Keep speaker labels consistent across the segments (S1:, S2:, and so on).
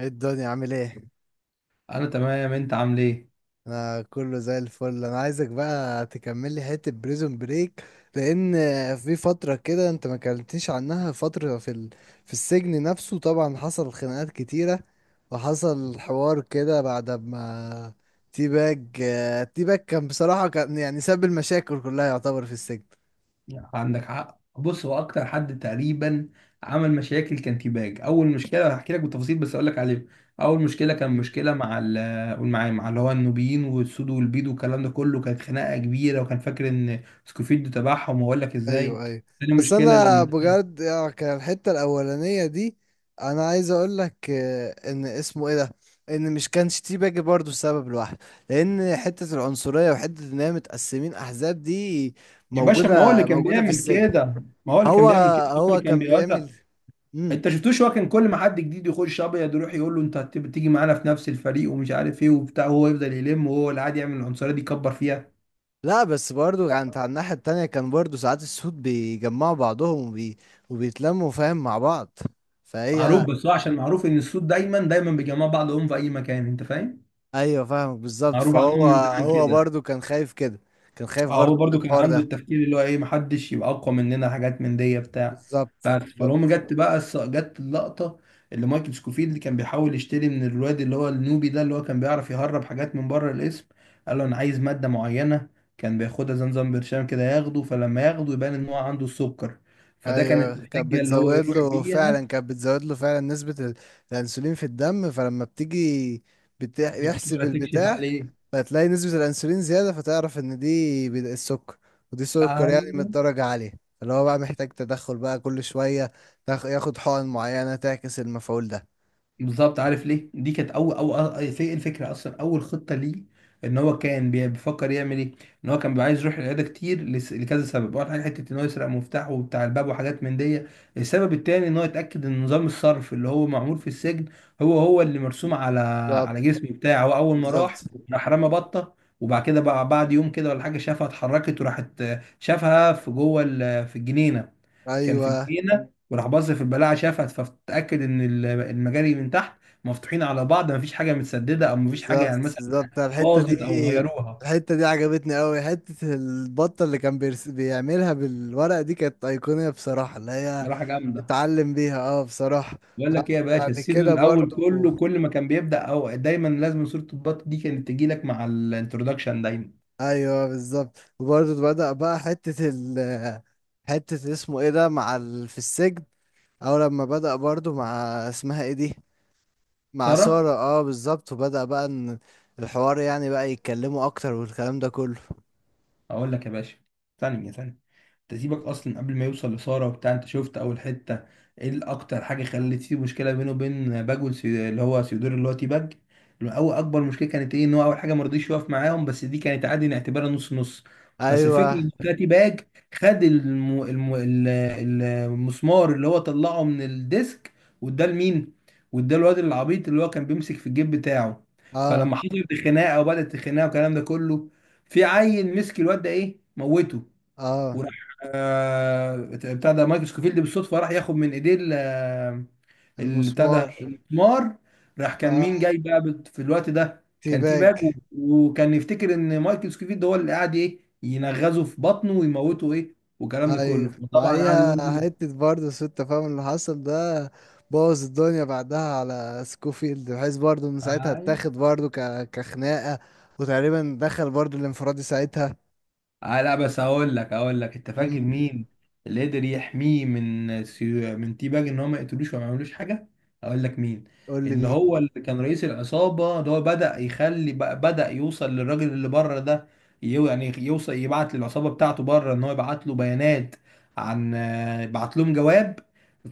S1: ايه الدنيا عامل ايه؟
S2: انا تمام، انت عامل ايه؟
S1: انا كله زي الفل. انا عايزك بقى تكمل لي حته بريزون بريك، لان في فتره كده انت ما كلمتنيش عنها، فتره في ال... في السجن نفسه طبعا حصل خناقات كتيره، وحصل حوار كده بعد ما تي باج تي باج كان بصراحه كان يعني ساب المشاكل كلها يعتبر في السجن.
S2: عندك حق. بص، هو اكتر حد تقريبا عمل مشاكل كان تيباج. اول مشكله هحكي لك بالتفاصيل، بس اقول لك عليها. اول مشكله كان مشكله مع قول معايا، مع اللي هو النوبيين والسود والبيض والكلام ده كله. كانت خناقه كبيره وكان فاكر ان سكوفيد تبعهم، واقول لك ازاي.
S1: ايوه، ايوه.
S2: تاني
S1: بس
S2: مشكله
S1: انا
S2: لما
S1: بجد يعني كان الحته الاولانيه دي، انا عايز اقول لك ان اسمه ايه ده، ان مش كانش تي باجي برضه سبب لوحده، لان حته العنصريه وحته ان هي متقسمين احزاب دي
S2: يا باشا، ما هو اللي
S1: موجوده،
S2: كان
S1: موجوده في
S2: بيعمل
S1: السجن.
S2: كده، ما هو اللي كان
S1: هو
S2: بيعمل كده، هو اللي
S1: هو
S2: كان
S1: كان
S2: بيوزع.
S1: بيعمل مم.
S2: انت شفتوش هو كان كل ما حد جديد يخش ابيض يروح يقول له انت تيجي معانا في نفس الفريق ومش عارف ايه وبتاع، وهو يفضل يلم، وهو اللي عادي يعمل العنصريه دي يكبر فيها.
S1: لا، بس برضه كانت على الناحيه التانية، كان برضه ساعات السود بيجمعوا بعضهم وبي... وبيتلموا فاهم مع بعض،
S2: معروف،
S1: فهي.
S2: بس هو عشان معروف ان السود دايما دايما بيجمعوا بعضهم في اي مكان، انت فاهم.
S1: ايوه، فاهمك بالظبط.
S2: معروف عنهم
S1: فهو،
S2: من زمان
S1: هو
S2: كده.
S1: برضو كان خايف كده، كان خايف
S2: اه، هو
S1: برضو من
S2: برضو كان
S1: الحوار
S2: عنده
S1: ده.
S2: التفكير اللي هو ايه، محدش يبقى اقوى مننا، حاجات من دي بتاع.
S1: بالظبط،
S2: بس فالهم
S1: بالظبط.
S2: جت بقى جت اللقطه اللي مايكل سكوفيلد اللي كان بيحاول يشتري من الواد اللي هو النوبي ده، اللي هو كان بيعرف يهرب حاجات من بره الاسم. قال له انا عايز ماده معينه، كان بياخدها زمزم برشام كده ياخده، فلما ياخده يبان ان هو عنده السكر. فده كانت
S1: ايوه كانت
S2: الحجه اللي هو
S1: بتزود
S2: يروح
S1: له
S2: بيها
S1: فعلا، كانت بتزود له فعلا نسبة ال- الانسولين في الدم، فلما بتيجي بتح- يحسب
S2: دكتوره تكشف
S1: البتاع،
S2: عليه.
S1: فتلاقي نسبة الانسولين زيادة، فتعرف ان دي بد- السكر، ودي سكر يعني من
S2: أيوه.
S1: الدرجة عالية، اللي هو بقى محتاج تدخل بقى كل شوية تاخ- ياخد حقن معينة تعكس المفعول ده.
S2: بالظبط. عارف ليه دي كانت اول، او في الفكره اصلا اول خطه ليه ان هو كان بيفكر يعمل ايه؟ ان هو كان بيبقى عايز يروح العياده كتير لكذا سبب. اول حاجه حته ان هو يسرق مفتاحه وبتاع الباب وحاجات من دي. السبب التاني ان هو يتاكد ان نظام الصرف اللي هو معمول في السجن هو هو اللي مرسوم على
S1: بالظبط،
S2: على جسمه بتاعه. هو اول ما
S1: بالظبط.
S2: راح، راح رمى بطه، وبعد كده بقى بعد يوم كده ولا حاجه شافها اتحركت وراحت. شافها في جوه في الجنينه. كان في
S1: ايوه
S2: الجنينه وراح بص في البلاعه شافها، فاتاكد ان المجاري من تحت مفتوحين على بعض، مفيش حاجه متسدده او مفيش حاجه
S1: بالظبط،
S2: يعني مثلا
S1: بالظبط. الحتة دي،
S2: باظت او غيروها.
S1: الحتة دي عجبتني قوي، حتة البطة اللي كان بيرس... بيعملها بالورق دي كانت أيقونية بصراحة، اللي هي
S2: صراحه جامده.
S1: تتعلم بيها، اه بصراحة.
S2: بقول لك ايه يا باشا،
S1: بعد
S2: السيزون
S1: كده
S2: الاول
S1: برضو
S2: كله كل ما كان بيبدا او دايما لازم صوره البط دي كانت تجي لك مع الانترودكشن دايما.
S1: ايوه بالظبط، وبرضو بدأ بقى حتة ال حتة اسمه ايه ده مع ال... في السجن، او لما بدأ برضو مع اسمها ايه دي، مع
S2: ساره.
S1: سارة، اه بالظبط، وبدأ بقى ان الحوار يعني بقى يتكلموا اكتر والكلام ده كله.
S2: اقول لك يا باشا، ثانية يا ثانية، تسيبك اصلا. قبل ما يوصل لسارة وبتاع، انت شفت اول حتة ايه الاكتر حاجة خلت فيه مشكلة بينه وبين باج اللي هو سيودور اللي هو تي باج؟ اول اكبر مشكلة كانت ايه، ان هو اول حاجة ما رضيش يقف معاهم، بس دي كانت عادي نعتبرها نص نص. بس الفكرة
S1: ايوه.
S2: ان بتاع تي باج خد المسمار اللي هو طلعه من الديسك، واداه لمين؟ واداه الواد العبيط اللي هو كان بيمسك في الجيب بتاعه.
S1: اه.
S2: فلما حصلت الخناقه وبدات الخناقه والكلام ده كله، في عيل مسك الواد ده ايه موته،
S1: اه
S2: وراح آه بتاع ده مايكل سكوفيلد بالصدفه راح ياخد من ايديه بتاع ده
S1: المسمار.
S2: المسمار. راح كان
S1: فا-
S2: مين جاي بقى في الوقت ده كان
S1: باج.
S2: تيباج، وكان يفتكر ان مايكل سكوفيلد هو اللي قاعد ايه ينغزه في بطنه ويموته ايه، والكلام ده
S1: ايوه
S2: كله طبعا قعد
S1: معايا.
S2: يقول
S1: حتة برضه سوء التفاهم اللي حصل ده بوظ الدنيا بعدها على سكوفيلد، بحيث برضه ان ساعتها
S2: له.
S1: اتاخد برضه ك... كخناقة، وتقريبا دخل برضه الانفرادي ساعتها.
S2: آه، لا بس هقول لك انت فاكر
S1: مم.
S2: مين اللي قدر يحميه من تي باج ان هو ما يقتلوش وما يعملوش حاجه؟ هقول لك مين.
S1: قول لي
S2: اللي
S1: مين.
S2: هو اللي كان رئيس العصابه، اللي هو بدأ يخلي بدأ يوصل للراجل اللي بره ده. يعني يوصل يبعت للعصابه بتاعته بره ان هو يبعت له بيانات عن بعت لهم جواب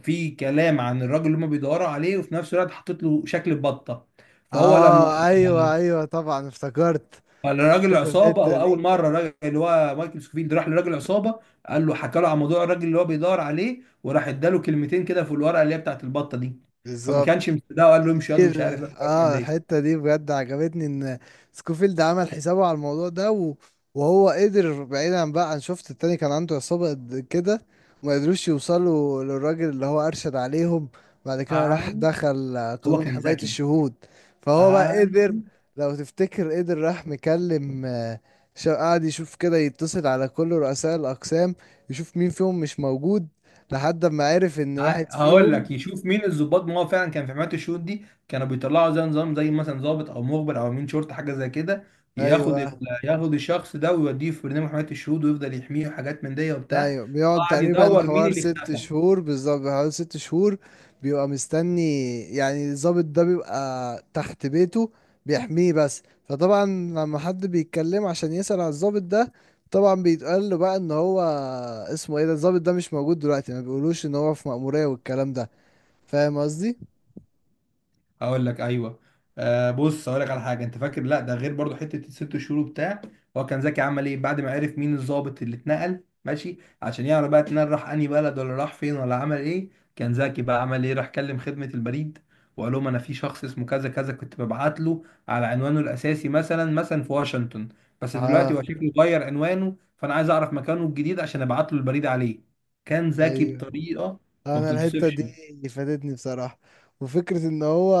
S2: في كلام عن الراجل اللي هم بيدوروا عليه، وفي نفس الوقت حطيت له شكل بطه. فهو لما
S1: اه ايوه، ايوه طبعا افتكرت
S2: راجل العصابه،
S1: الحتة
S2: هو اول
S1: دي
S2: مره راجل اللي هو مايكل سكوفيلد راح لراجل العصابه، قال له، حكى له عن موضوع الراجل اللي هو بيدور عليه، وراح اداله كلمتين كده في الورقه اللي هي بتاعت البطه دي. فما كانش
S1: بالظبط.
S2: مصدقه، وقال له امشي ياض ومش
S1: كتير،
S2: عارف ايه، الحاجات من
S1: اه
S2: دي.
S1: الحتة دي بجد عجبتني، ان سكوفيلد عمل حسابه على الموضوع ده و... وهو قدر بعيدا بقى عن، شفت التاني كان عنده عصابة قد كده ما قدروش يوصلوا للراجل اللي هو أرشد عليهم. بعد كده راح
S2: آه.
S1: دخل
S2: هو
S1: قانون
S2: كان
S1: حماية
S2: ذكي.
S1: الشهود. فهو بقى
S2: آه.
S1: قدر، لو تفتكر، قدر راح مكلم شا- قعد يشوف كده، يتصل على كل رؤساء الأقسام يشوف مين فيهم مش موجود، لحد ما عرف ان
S2: آه.
S1: واحد
S2: هقول
S1: فيهم.
S2: لك، يشوف مين الضباط. ما هو فعلا كان في حماية الشروط دي كانوا بيطلعوا زي نظام، زي مثلا ضابط او مخبر او امين شرطه حاجه زي كده، ياخد ال-
S1: ايوه،
S2: ياخد الشخص ده ويوديه في برنامج حماية الشهود ويفضل يحميه وحاجات من دي وبتاع.
S1: ايوه بيقعد
S2: قعد
S1: تقريبا
S2: يدور مين
S1: حوار
S2: اللي
S1: ست
S2: اختفى.
S1: شهور بالظبط، حوالي ست شهور. بيبقى مستني، يعني الضابط ده بيبقى تحت بيته بيحميه، بس فطبعا لما حد بيتكلم عشان يسأل على الضابط ده، طبعا بيتقال له بقى ان هو اسمه ايه ده الضابط ده مش موجود دلوقتي، ما بيقولوش ان هو في مأمورية والكلام ده. فاهم قصدي؟
S2: اقول لك، ايوه. آه بص، اقول لك على حاجه. انت فاكر؟ لا، ده غير برضو حته الست شهور وبتاع. هو كان زكي، عمل ايه بعد ما عرف مين الضابط اللي اتنقل؟ ماشي، عشان يعرف بقى اتنقل راح انهي بلد، ولا راح فين، ولا عمل ايه. كان زكي، بقى عمل ايه؟ راح كلم خدمه البريد، وقال لهم انا في شخص اسمه كذا كذا كنت ببعت له على عنوانه الاساسي مثلا في واشنطن، بس دلوقتي
S1: اه
S2: هو شكله غير عنوانه، فانا عايز اعرف مكانه الجديد عشان ابعت له البريد عليه. كان ذكي
S1: ايوه،
S2: بطريقه ما
S1: انا الحته
S2: بتتوصفش.
S1: دي فادتني بصراحه. وفكره ان هو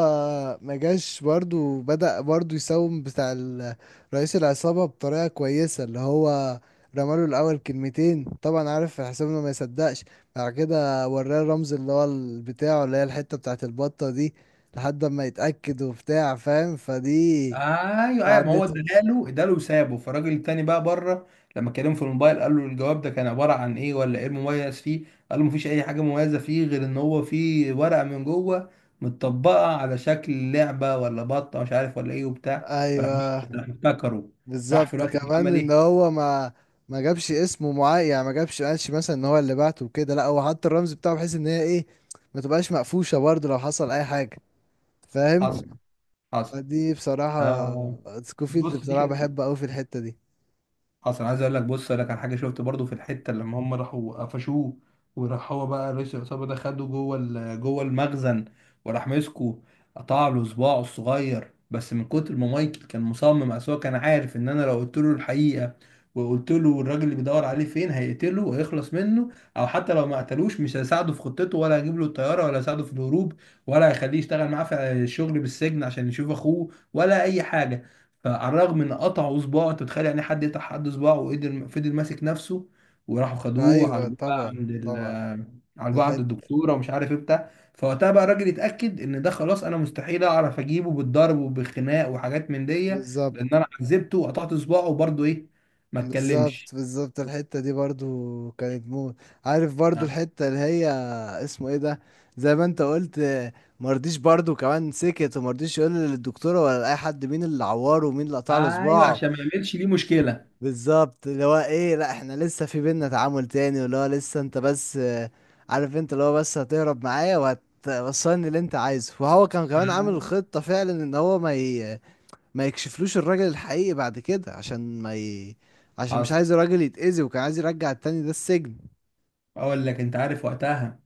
S1: ما جاش برضو، بدأ برضو يساوم بتاع ال- رئيس العصابه بطريقه كويسه، اللي هو رماله الاول كلمتين، طبعا عارف حسام انه ما يصدقش، بعد كده وراه الرمز اللي هو ال- بتاعه اللي هي الحته بتاعه البطه دي، لحد ما يتاكد وبتاع فاهم، فدي
S2: ايوه ايوه، ما هو
S1: ساعدته.
S2: اداله اداله وسابه. فالراجل التاني بقى بره لما كلمه في الموبايل، قال له، الجواب ده كان عباره عن ايه، ولا ايه المميز فيه؟ قال له مفيش اي حاجه مميزه فيه، غير ان هو فيه ورقه من جوه متطبقه على شكل لعبه ولا بطه مش عارف ولا ايه وبتاع. فراح،
S1: ايوه
S2: راح افتكره. راح في
S1: بالظبط،
S2: الوقت ده
S1: كمان
S2: عمل
S1: ان
S2: ايه؟
S1: هو ما ما جابش اسمه معين، يعني ما جابش قالش مثلا ان هو اللي بعته وكده، لا، هو حط الرمز بتاعه بحيث ان هي ايه ما تبقاش مقفوشه برضه لو حصل اي حاجه،
S2: حصل،
S1: فاهم؟
S2: حصل.
S1: فدي بصراحه،
S2: آه
S1: سكوفيلد
S2: بص، دي
S1: بصراحه
S2: كانت،
S1: بحبه قوي في الحته دي.
S2: اصلا عايز اقول لك، بص اقول لك على حاجه. شفت برضو في الحته لما هم راحوا قفشوه، وراح هو بقى رئيس العصابه ده خده جوه جوه المخزن، وراح مسكه قطع له صباعه الصغير، بس من كتر ما مايكل كان مصمم، اصل هو كان عارف ان انا لو قلت له الحقيقه وقلت له الراجل اللي بيدور عليه فين هيقتله ويخلص منه، او حتى لو ما قتلوش مش هيساعده في خطته، ولا هيجيب له الطياره، ولا هيساعده في الهروب، ولا هيخليه يشتغل معاه في الشغل بالسجن عشان يشوف اخوه، ولا اي حاجه. فعلى الرغم ان قطعوا صباعه، انت متخيل يعني حد يقطع حد صباعه، وقدر فضل ماسك نفسه. وراحوا خدوه
S1: ايوه
S2: عالجوه بقى
S1: طبعا،
S2: عند
S1: طبعا. في
S2: عالجوه عند
S1: الحته
S2: الدكتوره ومش عارف ايه بتاع. فوقتها بقى الراجل اتاكد ان ده خلاص، انا مستحيل اعرف اجيبه بالضرب وبالخناق وحاجات من دي، لان
S1: بالظبط،
S2: انا عذبته وقطعت صباعه وبرضه ايه، ما اتكلمش.
S1: بالظبط. بالظبط، الحتة دي برضو كانت موت. عارف برضو
S2: نعم.
S1: الحتة اللي هي اسمه ايه ده، زي ما انت قلت، مرضيش برضو كمان، سكت ومرضيش يقول للدكتورة ولا لأي حد مين اللي عوره ومين اللي قطع له
S2: ايوه،
S1: صباعه.
S2: عشان ما يعملش ليه مشكله.
S1: بالظبط، اللي هو ايه، لا احنا لسه في بينا تعامل تاني، واللي هو لسه انت بس عارف انت اللي هو بس هتهرب معايا وهتوصلني اللي انت عايزه. وهو كان كمان عامل
S2: أيوة.
S1: خطة فعلا ان هو ما ي... ما يكشفلوش الراجل الحقيقي بعد كده، عشان ما ي... عشان مش
S2: حصل.
S1: عايز الراجل يتأذي، وكان عايز يرجع التاني ده السجن.
S2: اقول لك، انت عارف وقتها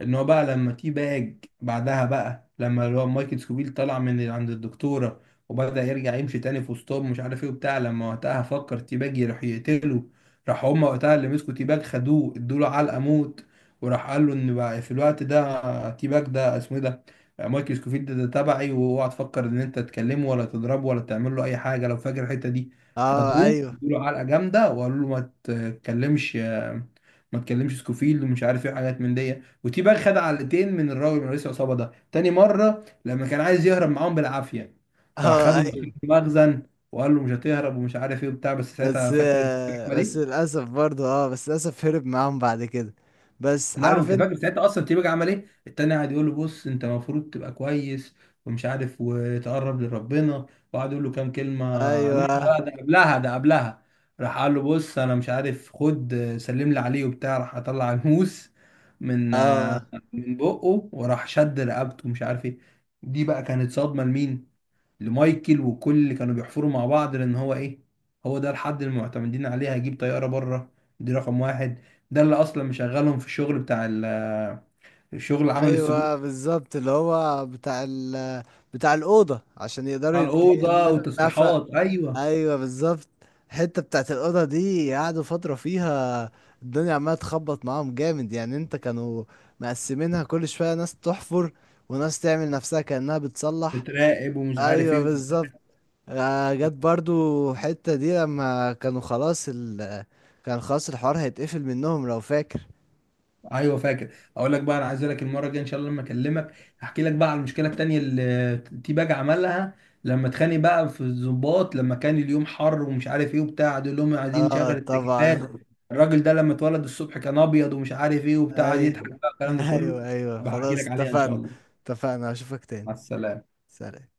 S2: ان هو بقى، لما تي باج بعدها، بقى لما اللي هو مايكل سكوبيل طلع من عند الدكتوره وبدأ يرجع يمشي تاني في وسطهم مش عارف ايه وبتاع، لما وقتها فكر تي باج يروح يقتله، راح هما وقتها اللي مسكوا تي باج خدوه ادوله علقه موت. وراح قال له، ان بقى في الوقت ده تي باج ده اسمه ايه ده، مايكل سكوفيلد ده تبعي، واوعى تفكر ان انت تكلمه ولا تضربه ولا تعمل له اي حاجه، لو فاكر الحته دي.
S1: اه
S2: خدوه
S1: ايوه.
S2: ادوله علقه جامده، وقالوا له ما تكلمش سكوفيلد ومش عارف ايه حاجات من دي. وتيباج خد علقتين من الراجل من رئيس العصابه ده تاني مره لما كان عايز يهرب معاهم بالعافيه، فراح
S1: اه
S2: خده
S1: ايوه.
S2: داخل المخزن وقال له مش هتهرب ومش عارف ايه وبتاع. بس ساعتها
S1: بس
S2: فاكر كان عمل
S1: بس
S2: ايه؟
S1: للأسف برضه، اه بس للأسف هرب معاهم بعد كده. بس
S2: لا،
S1: عارف
S2: وانت
S1: انت.
S2: فاكر ساعتها اصلا تيباجي عمل ايه؟ التاني قاعد يقول له بص انت المفروض تبقى كويس ومش عارف، وتقرب لربنا، وقعد يقول له كام كلمه. لا
S1: ايوه.
S2: لا، ده قبلها، ده قبلها. راح قال له بص انا مش عارف، خد سلم لي عليه وبتاع، راح اطلع الموس من
S1: اه
S2: من بقه، وراح شد رقبته مش عارف ايه. دي بقى كانت صدمه لمين؟ لمايكل وكل اللي كانوا بيحفروا مع بعض، لان هو ايه، هو ده الحد اللي معتمدين عليه هيجيب طياره بره. دي رقم واحد. ده اللي اصلا مشغلهم في الشغل بتاع الشغل عمل السجون،
S1: ايوه بالظبط، اللي هو بتاع ال... بتاع الأوضة عشان يقدروا
S2: بتاع
S1: يبد-
S2: الاوضه
S1: يعملوا النفق.
S2: وتصليحات. ايوه،
S1: ايوه بالظبط. الحتة بتاعت الأوضة دي قعدوا فترة فيها الدنيا عمالة تخبط معاهم جامد، يعني انت كانوا مقسمينها كل شوية، ناس تحفر وناس تعمل نفسها كأنها بتصلح.
S2: بتراقب ومش عارف
S1: ايوه
S2: ايه.
S1: بالظبط. جت برضو حتة دي لما كانوا خلاص ال كان خلاص الحوار هيتقفل منهم، لو فاكر.
S2: ايوه فاكر. اقول لك بقى، انا عايز لك المره الجايه ان شاء الله لما اكلمك احكي لك بقى على المشكله التانيه اللي تي باج عملها لما اتخانق بقى في الضباط، لما كان اليوم حر ومش عارف ايه وبتاع، دول لهم عايزين نشغل
S1: اه
S2: التكييفات.
S1: طبعا.
S2: الراجل ده لما اتولد الصبح كان ابيض ومش عارف ايه وبتاع، قعد
S1: ايوه.
S2: يضحك بقى الكلام ده كله.
S1: ايوه، ايوه
S2: بحكي
S1: خلاص
S2: لك عليها ان شاء
S1: اتفقنا.
S2: الله.
S1: اتفقنا، اشوفك تاني.
S2: مع السلامه.
S1: سلام.